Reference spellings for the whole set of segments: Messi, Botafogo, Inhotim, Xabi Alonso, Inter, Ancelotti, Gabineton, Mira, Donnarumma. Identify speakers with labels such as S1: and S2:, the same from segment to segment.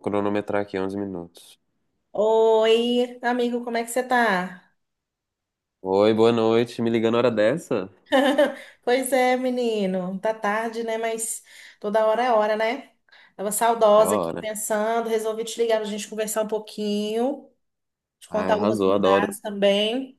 S1: Cronometrar aqui 11 minutos.
S2: Oi, amigo, como é que você tá?
S1: Oi, boa noite. Me ligando na hora dessa?
S2: Pois é, menino, tá tarde, né? Mas toda hora é hora, né? Tava
S1: É a
S2: saudosa aqui
S1: hora.
S2: pensando, resolvi te ligar pra gente conversar um pouquinho, te
S1: Ai,
S2: contar algumas
S1: arrasou, adoro.
S2: novidades também.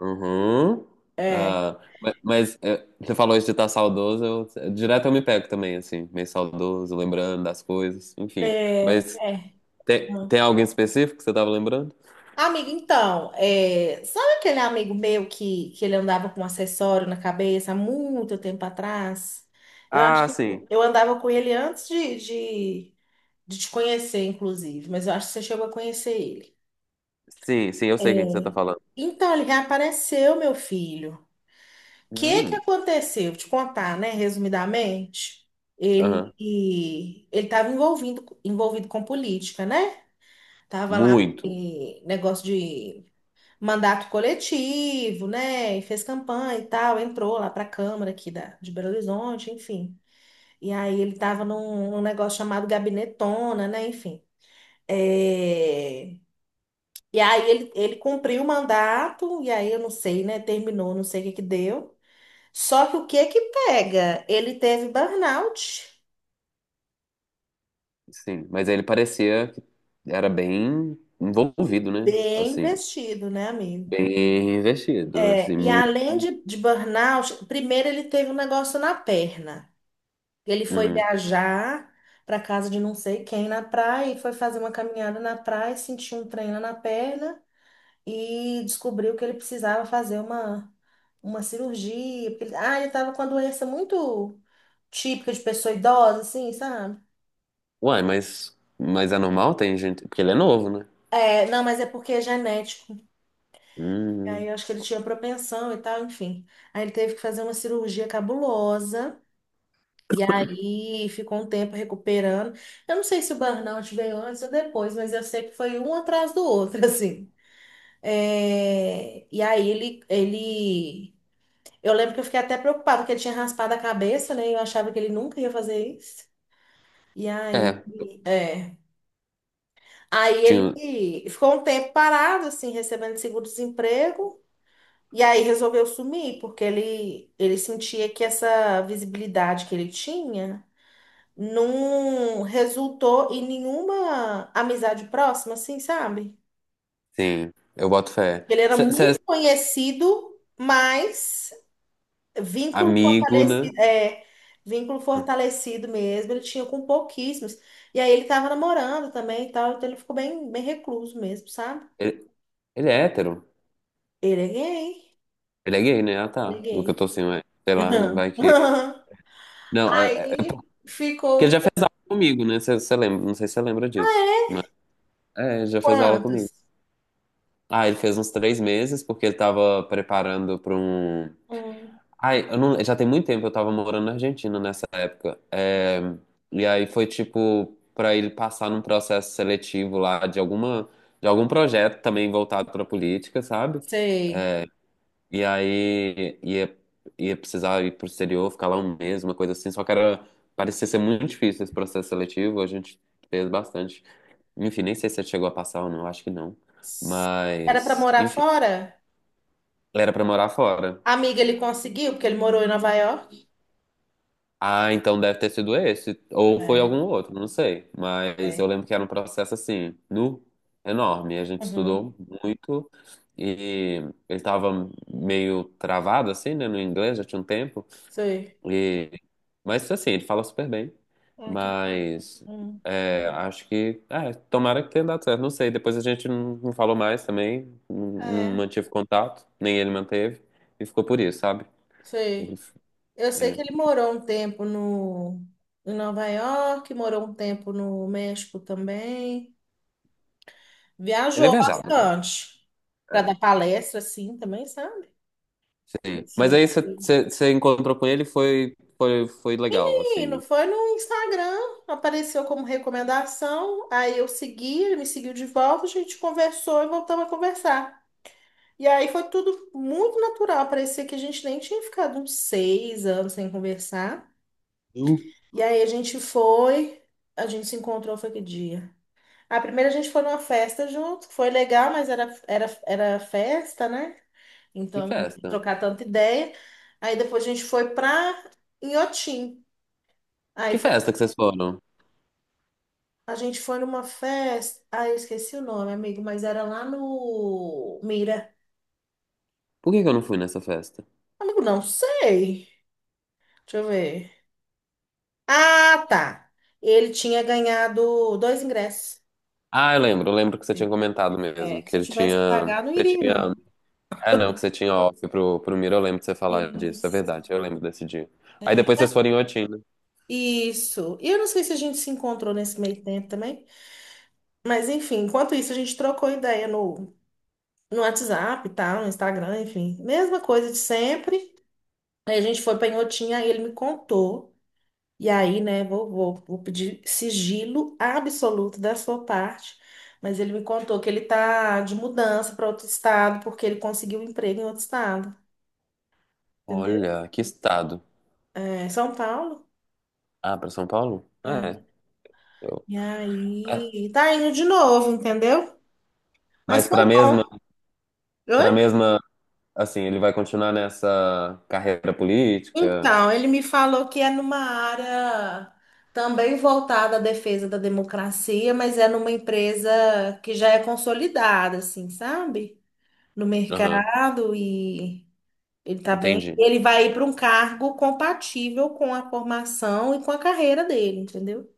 S1: Uhum.
S2: É,
S1: Ah, mas é, você falou isso de estar saudoso, eu, direto eu me pego também, assim, meio saudoso, lembrando das coisas, enfim.
S2: é,
S1: Mas
S2: é.
S1: tem,
S2: Hum.
S1: tem alguém específico que você tava lembrando?
S2: Amigo, então, sabe aquele amigo meu que ele andava com um acessório na cabeça há muito tempo atrás? Eu acho
S1: Ah,
S2: que
S1: sim.
S2: eu andava com ele antes de te conhecer, inclusive, mas eu acho que você chegou a conhecer ele.
S1: Sim, sim, eu sei quem que você tá
S2: É.
S1: falando.
S2: Então, ele reapareceu, meu filho. O que que
S1: Hum,
S2: aconteceu? Vou te contar, né? Resumidamente,
S1: aham.
S2: ele estava envolvido com política, né? Tava lá
S1: Muito,
S2: em negócio de mandato coletivo, né? E fez campanha e tal, entrou lá para a Câmara aqui de Belo Horizonte, enfim. E aí ele estava num negócio chamado Gabinetona, né? Enfim. É. E aí ele cumpriu o mandato, e aí eu não sei, né? Terminou, não sei o que que deu. Só que o que que pega? Ele teve burnout.
S1: sim. Mas ele parecia que era bem envolvido, né?
S2: Bem
S1: Assim.
S2: investido, né, amigo?
S1: Bem investido, assim,
S2: É, e
S1: muito.
S2: além de burnout, primeiro ele teve um negócio na perna. Ele foi
S1: Uhum.
S2: viajar para casa de não sei quem na praia e foi fazer uma caminhada na praia, sentiu um trem lá na perna. E descobriu que ele precisava fazer uma cirurgia. Porque ele estava com uma doença muito típica de pessoa idosa, assim, sabe?
S1: Uai, mas é normal? Tem gente. Porque ele é novo, né?
S2: É, não, mas é porque é genético.
S1: Hum.
S2: Aí eu acho que ele tinha propensão e tal, enfim. Aí ele teve que fazer uma cirurgia cabulosa. E aí ficou um tempo recuperando. Eu não sei se o burnout veio antes ou depois, mas eu sei que foi um atrás do outro, assim. É, e aí ele. Eu lembro que eu fiquei até preocupada porque ele tinha raspado a cabeça, né? E eu achava que ele nunca ia fazer isso. E aí,
S1: É,
S2: é. Aí
S1: tinha.
S2: ele ficou um tempo parado, assim, recebendo seguro-desemprego. E aí resolveu sumir, porque ele sentia que essa visibilidade que ele tinha não resultou em nenhuma amizade próxima, assim, sabe?
S1: Sim, eu boto fé.
S2: Ele era
S1: Você é
S2: muito conhecido, mas vínculo
S1: amigo, né?
S2: fortalecido, é, vínculo fortalecido mesmo, ele tinha com pouquíssimos. E aí ele tava namorando também e tal, então ele ficou bem recluso mesmo, sabe?
S1: Ele, ele é hétero.
S2: Ele é gay,
S1: Ele é gay, né? Ah,
S2: ele é
S1: tá. O que eu
S2: gay.
S1: tô assim, ué, sei lá, né? Vai que. Não, é, é
S2: Aí
S1: porque ele
S2: ficou
S1: já fez aula comigo, né? Você lembra? Não sei se você lembra disso. Mas, é, ele já fez aula comigo.
S2: quantos?
S1: Ah, ele fez uns 3 meses porque ele tava preparando pra um.
S2: Hum,
S1: Ai, eu não, já tem muito tempo eu tava morando na Argentina nessa época. É, e aí foi tipo pra ele passar num processo seletivo lá de alguma de algum projeto também voltado pra política, sabe?
S2: sei.
S1: E aí ia, ia precisar ir pro exterior, ficar lá 1 mês, uma coisa assim. Só que era, parecia ser muito difícil esse processo seletivo, a gente fez bastante. Enfim, nem sei se ele chegou a passar ou não, acho que não.
S2: Era pra
S1: Mas,
S2: morar
S1: enfim,
S2: fora?
S1: era pra morar fora.
S2: Amiga, ele conseguiu, porque ele morou em Nova York.
S1: Ah, então deve ter sido esse. Ou foi
S2: É,
S1: algum outro, não sei. Mas eu
S2: é.
S1: lembro que era um processo assim, nu, enorme. A gente
S2: Uhum,
S1: estudou muito e ele estava meio travado, assim, né, no inglês, já tinha um tempo.
S2: sei.
S1: E... Mas assim, ele fala super bem.
S2: Ah, que bom.
S1: Mas
S2: Hum,
S1: é, acho que. É, tomara que tenha dado certo. Não sei. Depois a gente não falou mais também. Não, não
S2: É,
S1: mantive contato, nem ele manteve. E ficou por isso, sabe? Ele,
S2: sei. Eu sei
S1: é,
S2: que ele morou um tempo no, em Nova York, morou um tempo no México também.
S1: ele é
S2: Viajou
S1: viajado, né?
S2: bastante para dar
S1: É.
S2: palestra, assim, também, sabe?
S1: Sim. Mas
S2: Enfim.
S1: aí você encontrou com ele e foi, foi legal,
S2: Menino,
S1: assim.
S2: foi no Instagram, apareceu como recomendação, aí eu segui, ele me seguiu de volta, a gente conversou e voltamos a conversar. E aí foi tudo muito natural, parecia que a gente nem tinha ficado uns 6 anos sem conversar.
S1: Viu?
S2: E aí a gente se encontrou, foi que dia? A primeira a gente foi numa festa junto, foi legal, mas era festa, né?
S1: Que
S2: Então não deu pra
S1: festa?
S2: trocar tanta ideia. Aí depois a gente foi pra Inhotim. Aí
S1: Que
S2: foi-
S1: festa que vocês foram?
S2: a gente foi numa festa. Ah, eu esqueci o nome, amigo, mas era lá no Mira.
S1: Por que que eu não fui nessa festa?
S2: Amigo, não sei. Deixa eu ver. Ah, tá. Ele tinha ganhado dois ingressos.
S1: Ah, eu lembro que você tinha comentado mesmo,
S2: É,
S1: que
S2: se eu
S1: ele
S2: tivesse que
S1: tinha.
S2: pagar, não
S1: Você
S2: iria,
S1: tinha.
S2: não.
S1: Ah, não, que você tinha off pro, pro Miro, eu lembro de você falar disso, é
S2: Isso.
S1: verdade, eu lembro desse dia. Aí depois vocês foram em Otina.
S2: Isso. E eu não sei se a gente se encontrou nesse meio tempo também. Mas, enfim, enquanto isso, a gente trocou ideia no WhatsApp e tal, no Instagram, enfim. Mesma coisa de sempre. Aí a gente foi pra Inhotim, aí ele me contou. E aí, né, vou pedir sigilo absoluto da sua parte. Mas ele me contou que ele tá de mudança para outro estado, porque ele conseguiu um emprego em outro estado. Entendeu?
S1: Olha, que estado.
S2: É, São Paulo.
S1: Ah, pra São Paulo?
S2: É.
S1: É. eu-
S2: E
S1: é.
S2: aí, tá indo de novo, entendeu? Mas
S1: Mas
S2: foi bom.
S1: pra
S2: Oi?
S1: mesma, assim, ele vai continuar nessa carreira política?
S2: Então, ele me falou que é numa área também voltada à defesa da democracia, mas é numa empresa que já é consolidada, assim, sabe? No
S1: Aham,
S2: mercado e ele tá bem.
S1: entendi.
S2: Ele vai ir para um cargo compatível com a formação e com a carreira dele, entendeu?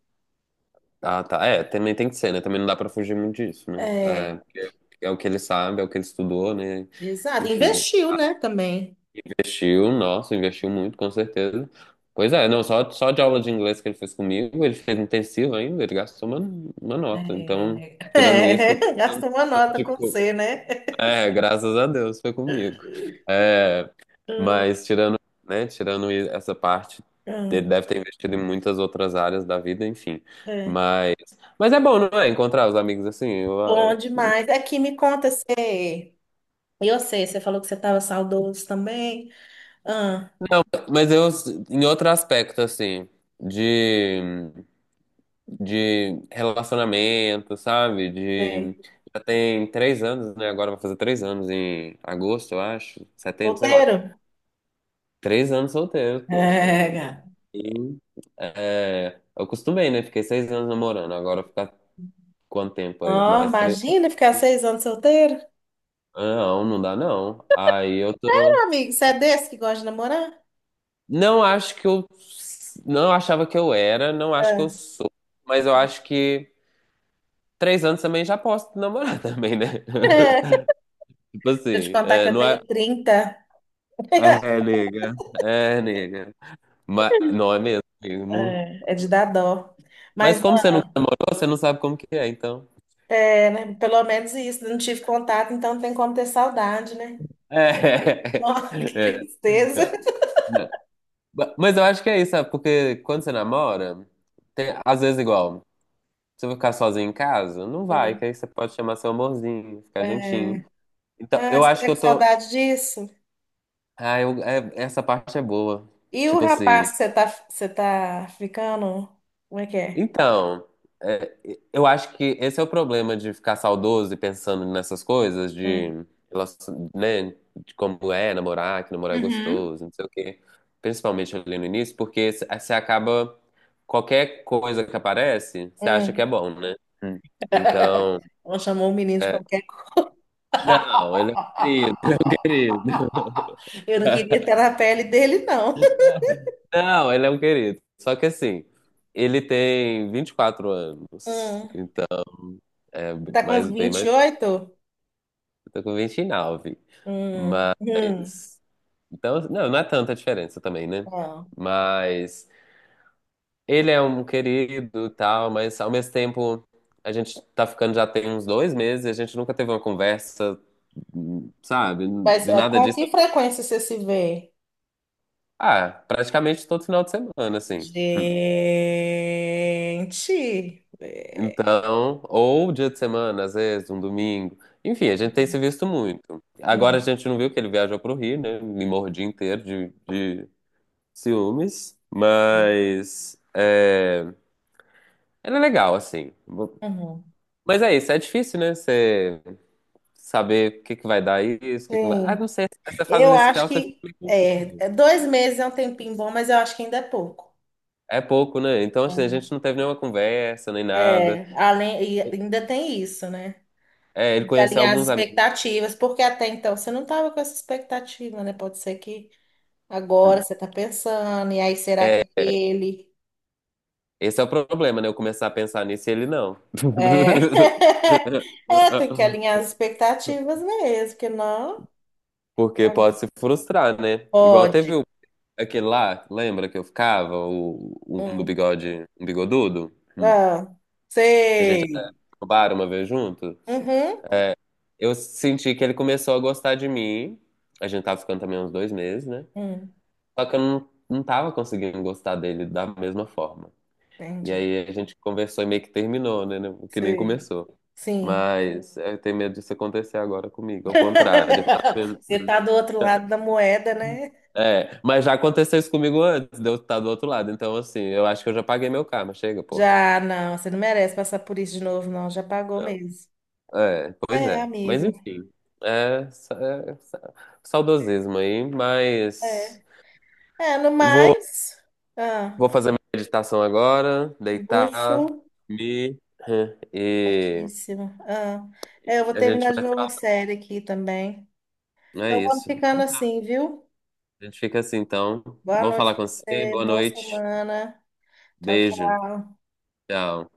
S1: Ah, tá. É, também tem que ser, né? Também não dá pra fugir muito disso, né? É,
S2: É,
S1: porque é o que ele sabe, é o que ele estudou, né?
S2: exato.
S1: Enfim,
S2: Investiu, né, também.
S1: investiu, nossa, investiu muito, com certeza. Pois é, não, só, só de aula de inglês que ele fez comigo, ele fez intensivo ainda, ele gastou uma nota. Então,
S2: É,
S1: tirando isso,
S2: é, gastou uma
S1: tanto
S2: nota
S1: de
S2: com
S1: co-
S2: você, né?
S1: é, graças a Deus, foi comigo. É,
S2: Hum,
S1: mas tirando, né, tirando essa parte, ele
S2: hum,
S1: deve ter investido em muitas outras áreas da vida, enfim.
S2: é.
S1: Mas, mas é bom, não é? Encontrar os amigos assim. Eu, ah,
S2: Bom demais. Aqui me conta você. E eu sei, você falou que você estava saudoso também. Ah,
S1: mas eu, em outro aspecto, assim, de, de relacionamento, sabe? De,
S2: sei.
S1: já tem 3 anos, né? Agora vai fazer 3 anos em agosto, eu acho, setembro, sei lá.
S2: Solteiro?
S1: 3 anos solteiro, poxa.
S2: É, cara.
S1: E, aí, é, eu acostumei, né? Fiquei 6 anos namorando, agora ficar quanto tempo aí?
S2: Ó,
S1: Mais 3?
S2: imagina ficar 6 anos solteiro.
S1: Não, não dá não. Aí eu
S2: Meu
S1: tô.
S2: amigo, você é desse que gosta de namorar?
S1: Não acho que eu. Não achava que eu era, não acho que eu
S2: É,
S1: sou. Mas eu acho que 3 anos também já posso namorar também, né?
S2: é. Deixa
S1: Tipo
S2: eu te
S1: assim,
S2: contar que
S1: é,
S2: eu
S1: não é.
S2: tenho 30.
S1: É, nega. É, nega. Mas não é mesmo, amigo. Não-
S2: É é de dar dó. Mas
S1: Mas como você nunca namorou, você não sabe como que é, então.
S2: é, né, pelo menos isso, não tive contato, então tem como ter saudade, né?
S1: É.
S2: Nossa, que
S1: É.
S2: tristeza.
S1: Mas eu acho que é isso, sabe? Porque quando você namora, tem, às vezes igual. Você vai ficar sozinho em casa? Não vai,
S2: É.
S1: que aí você pode chamar seu amorzinho, ficar juntinho.
S2: É.
S1: Então,
S2: Ah,
S1: eu
S2: você
S1: acho
S2: tá
S1: que
S2: com
S1: eu tô.
S2: saudade disso?
S1: Ah, essa parte é boa.
S2: E o
S1: Tipo assim.
S2: rapaz que você tá ficando? Como é que é?
S1: Então, é, eu acho que esse é o problema de ficar saudoso e pensando nessas coisas, de,
S2: Hum.
S1: né, de como é namorar, que namorar é
S2: Uhum.
S1: gostoso, não sei o quê. Principalmente ali no início, porque você acaba. Qualquer coisa que aparece, você acha que é
S2: Hum.
S1: bom, né? Hum. Então.
S2: Ela chamou o menino de
S1: É,
S2: qualquer coisa.
S1: não, ele é um querido, ele é um querido.
S2: Eu não queria estar na pele dele, não.
S1: Não, ele é um querido. Só que assim, ele tem 24 anos.
S2: Hum.
S1: Então, é
S2: Tá com
S1: mais, bem
S2: vinte
S1: mais.
S2: e oito.
S1: Eu tô com 29,
S2: Hum.
S1: mas. Então, não, não é tanta diferença também, né?
S2: Não.
S1: Mas. Ele é um querido e tal, mas ao mesmo tempo. A gente tá ficando já tem uns 2 meses, e a gente nunca teve uma conversa, sabe?
S2: Mas
S1: De
S2: é,
S1: nada
S2: com
S1: disso.
S2: que frequência você se vê?
S1: Ah, praticamente todo final de semana, assim.
S2: Gente. É.
S1: Então, ou dia de semana, às vezes, um domingo. Enfim, a gente tem se visto muito. Agora a
S2: Hum.
S1: gente não viu que ele viajou pro Rio, né? Me mordi inteiro de ciúmes. Mas é, ele é legal, assim.
S2: Uhum.
S1: Mas é isso, é difícil, né? Você saber o que que vai dar isso, o que que não vai. Ah,
S2: Sim,
S1: não sei. Essa fase
S2: eu acho
S1: inicial você fica
S2: que
S1: meio confuso.
S2: 2 meses é um tempinho bom, mas eu acho que ainda é pouco.
S1: É pouco, né? Então, assim, a gente não teve nenhuma conversa, nem nada.
S2: É, além, e ainda tem isso, né?
S1: É, ele
S2: De
S1: conheceu
S2: alinhar as
S1: alguns amigos.
S2: expectativas, porque até então você não estava com essa expectativa, né? Pode ser que agora você está pensando, e aí será que ele.
S1: Esse é o problema, né? Eu começar a pensar nisso e ele não.
S2: É, é tem que alinhar as expectativas mesmo, porque não.
S1: Porque pode se frustrar, né? Igual teve
S2: Pode.
S1: aquele lá, lembra que eu ficava? O, um do
S2: Hum.
S1: bigode, um bigodudo? Hum.
S2: Ah,
S1: Que a gente
S2: sei.
S1: até no bar uma vez junto.
S2: Uhum.
S1: Eu senti que ele começou a gostar de mim. A gente tava ficando também uns 2 meses, né?
S2: Hum,
S1: Só que eu não tava conseguindo gostar dele da mesma forma. E
S2: entendi.
S1: aí a gente conversou e meio que terminou, né? Né, que nem
S2: Sei.
S1: começou.
S2: Sim.
S1: Mas eu tenho medo disso acontecer agora comigo, ao contrário. Tá vendo?
S2: Você tá do outro lado da moeda, né?
S1: É, mas já aconteceu isso comigo antes de eu estar do outro lado. Então, assim, eu acho que eu já paguei meu karma. Chega, pô.
S2: Já, não, você não merece passar por isso de novo, não. Já pagou
S1: Não.
S2: mesmo.
S1: É, pois
S2: É,
S1: é. Mas
S2: amigo.
S1: enfim. É, é sa- saudosismo aí, mas
S2: É. É, no
S1: vou,
S2: mais, ah,
S1: vou fazer minha meditação agora,
S2: luxo,
S1: deitar, me e
S2: certíssimo. Ah, é, eu vou
S1: a gente
S2: terminar de
S1: vai
S2: ver
S1: se
S2: uma
S1: falar.
S2: série aqui também.
S1: É
S2: Então vamos
S1: isso.
S2: ficando
S1: Então,
S2: assim, viu?
S1: a gente fica assim, então.
S2: Boa
S1: Bom
S2: noite
S1: falar
S2: pra
S1: com você.
S2: você,
S1: Boa
S2: boa
S1: noite.
S2: semana. Tchau,
S1: Beijo.
S2: tchau.
S1: Tchau.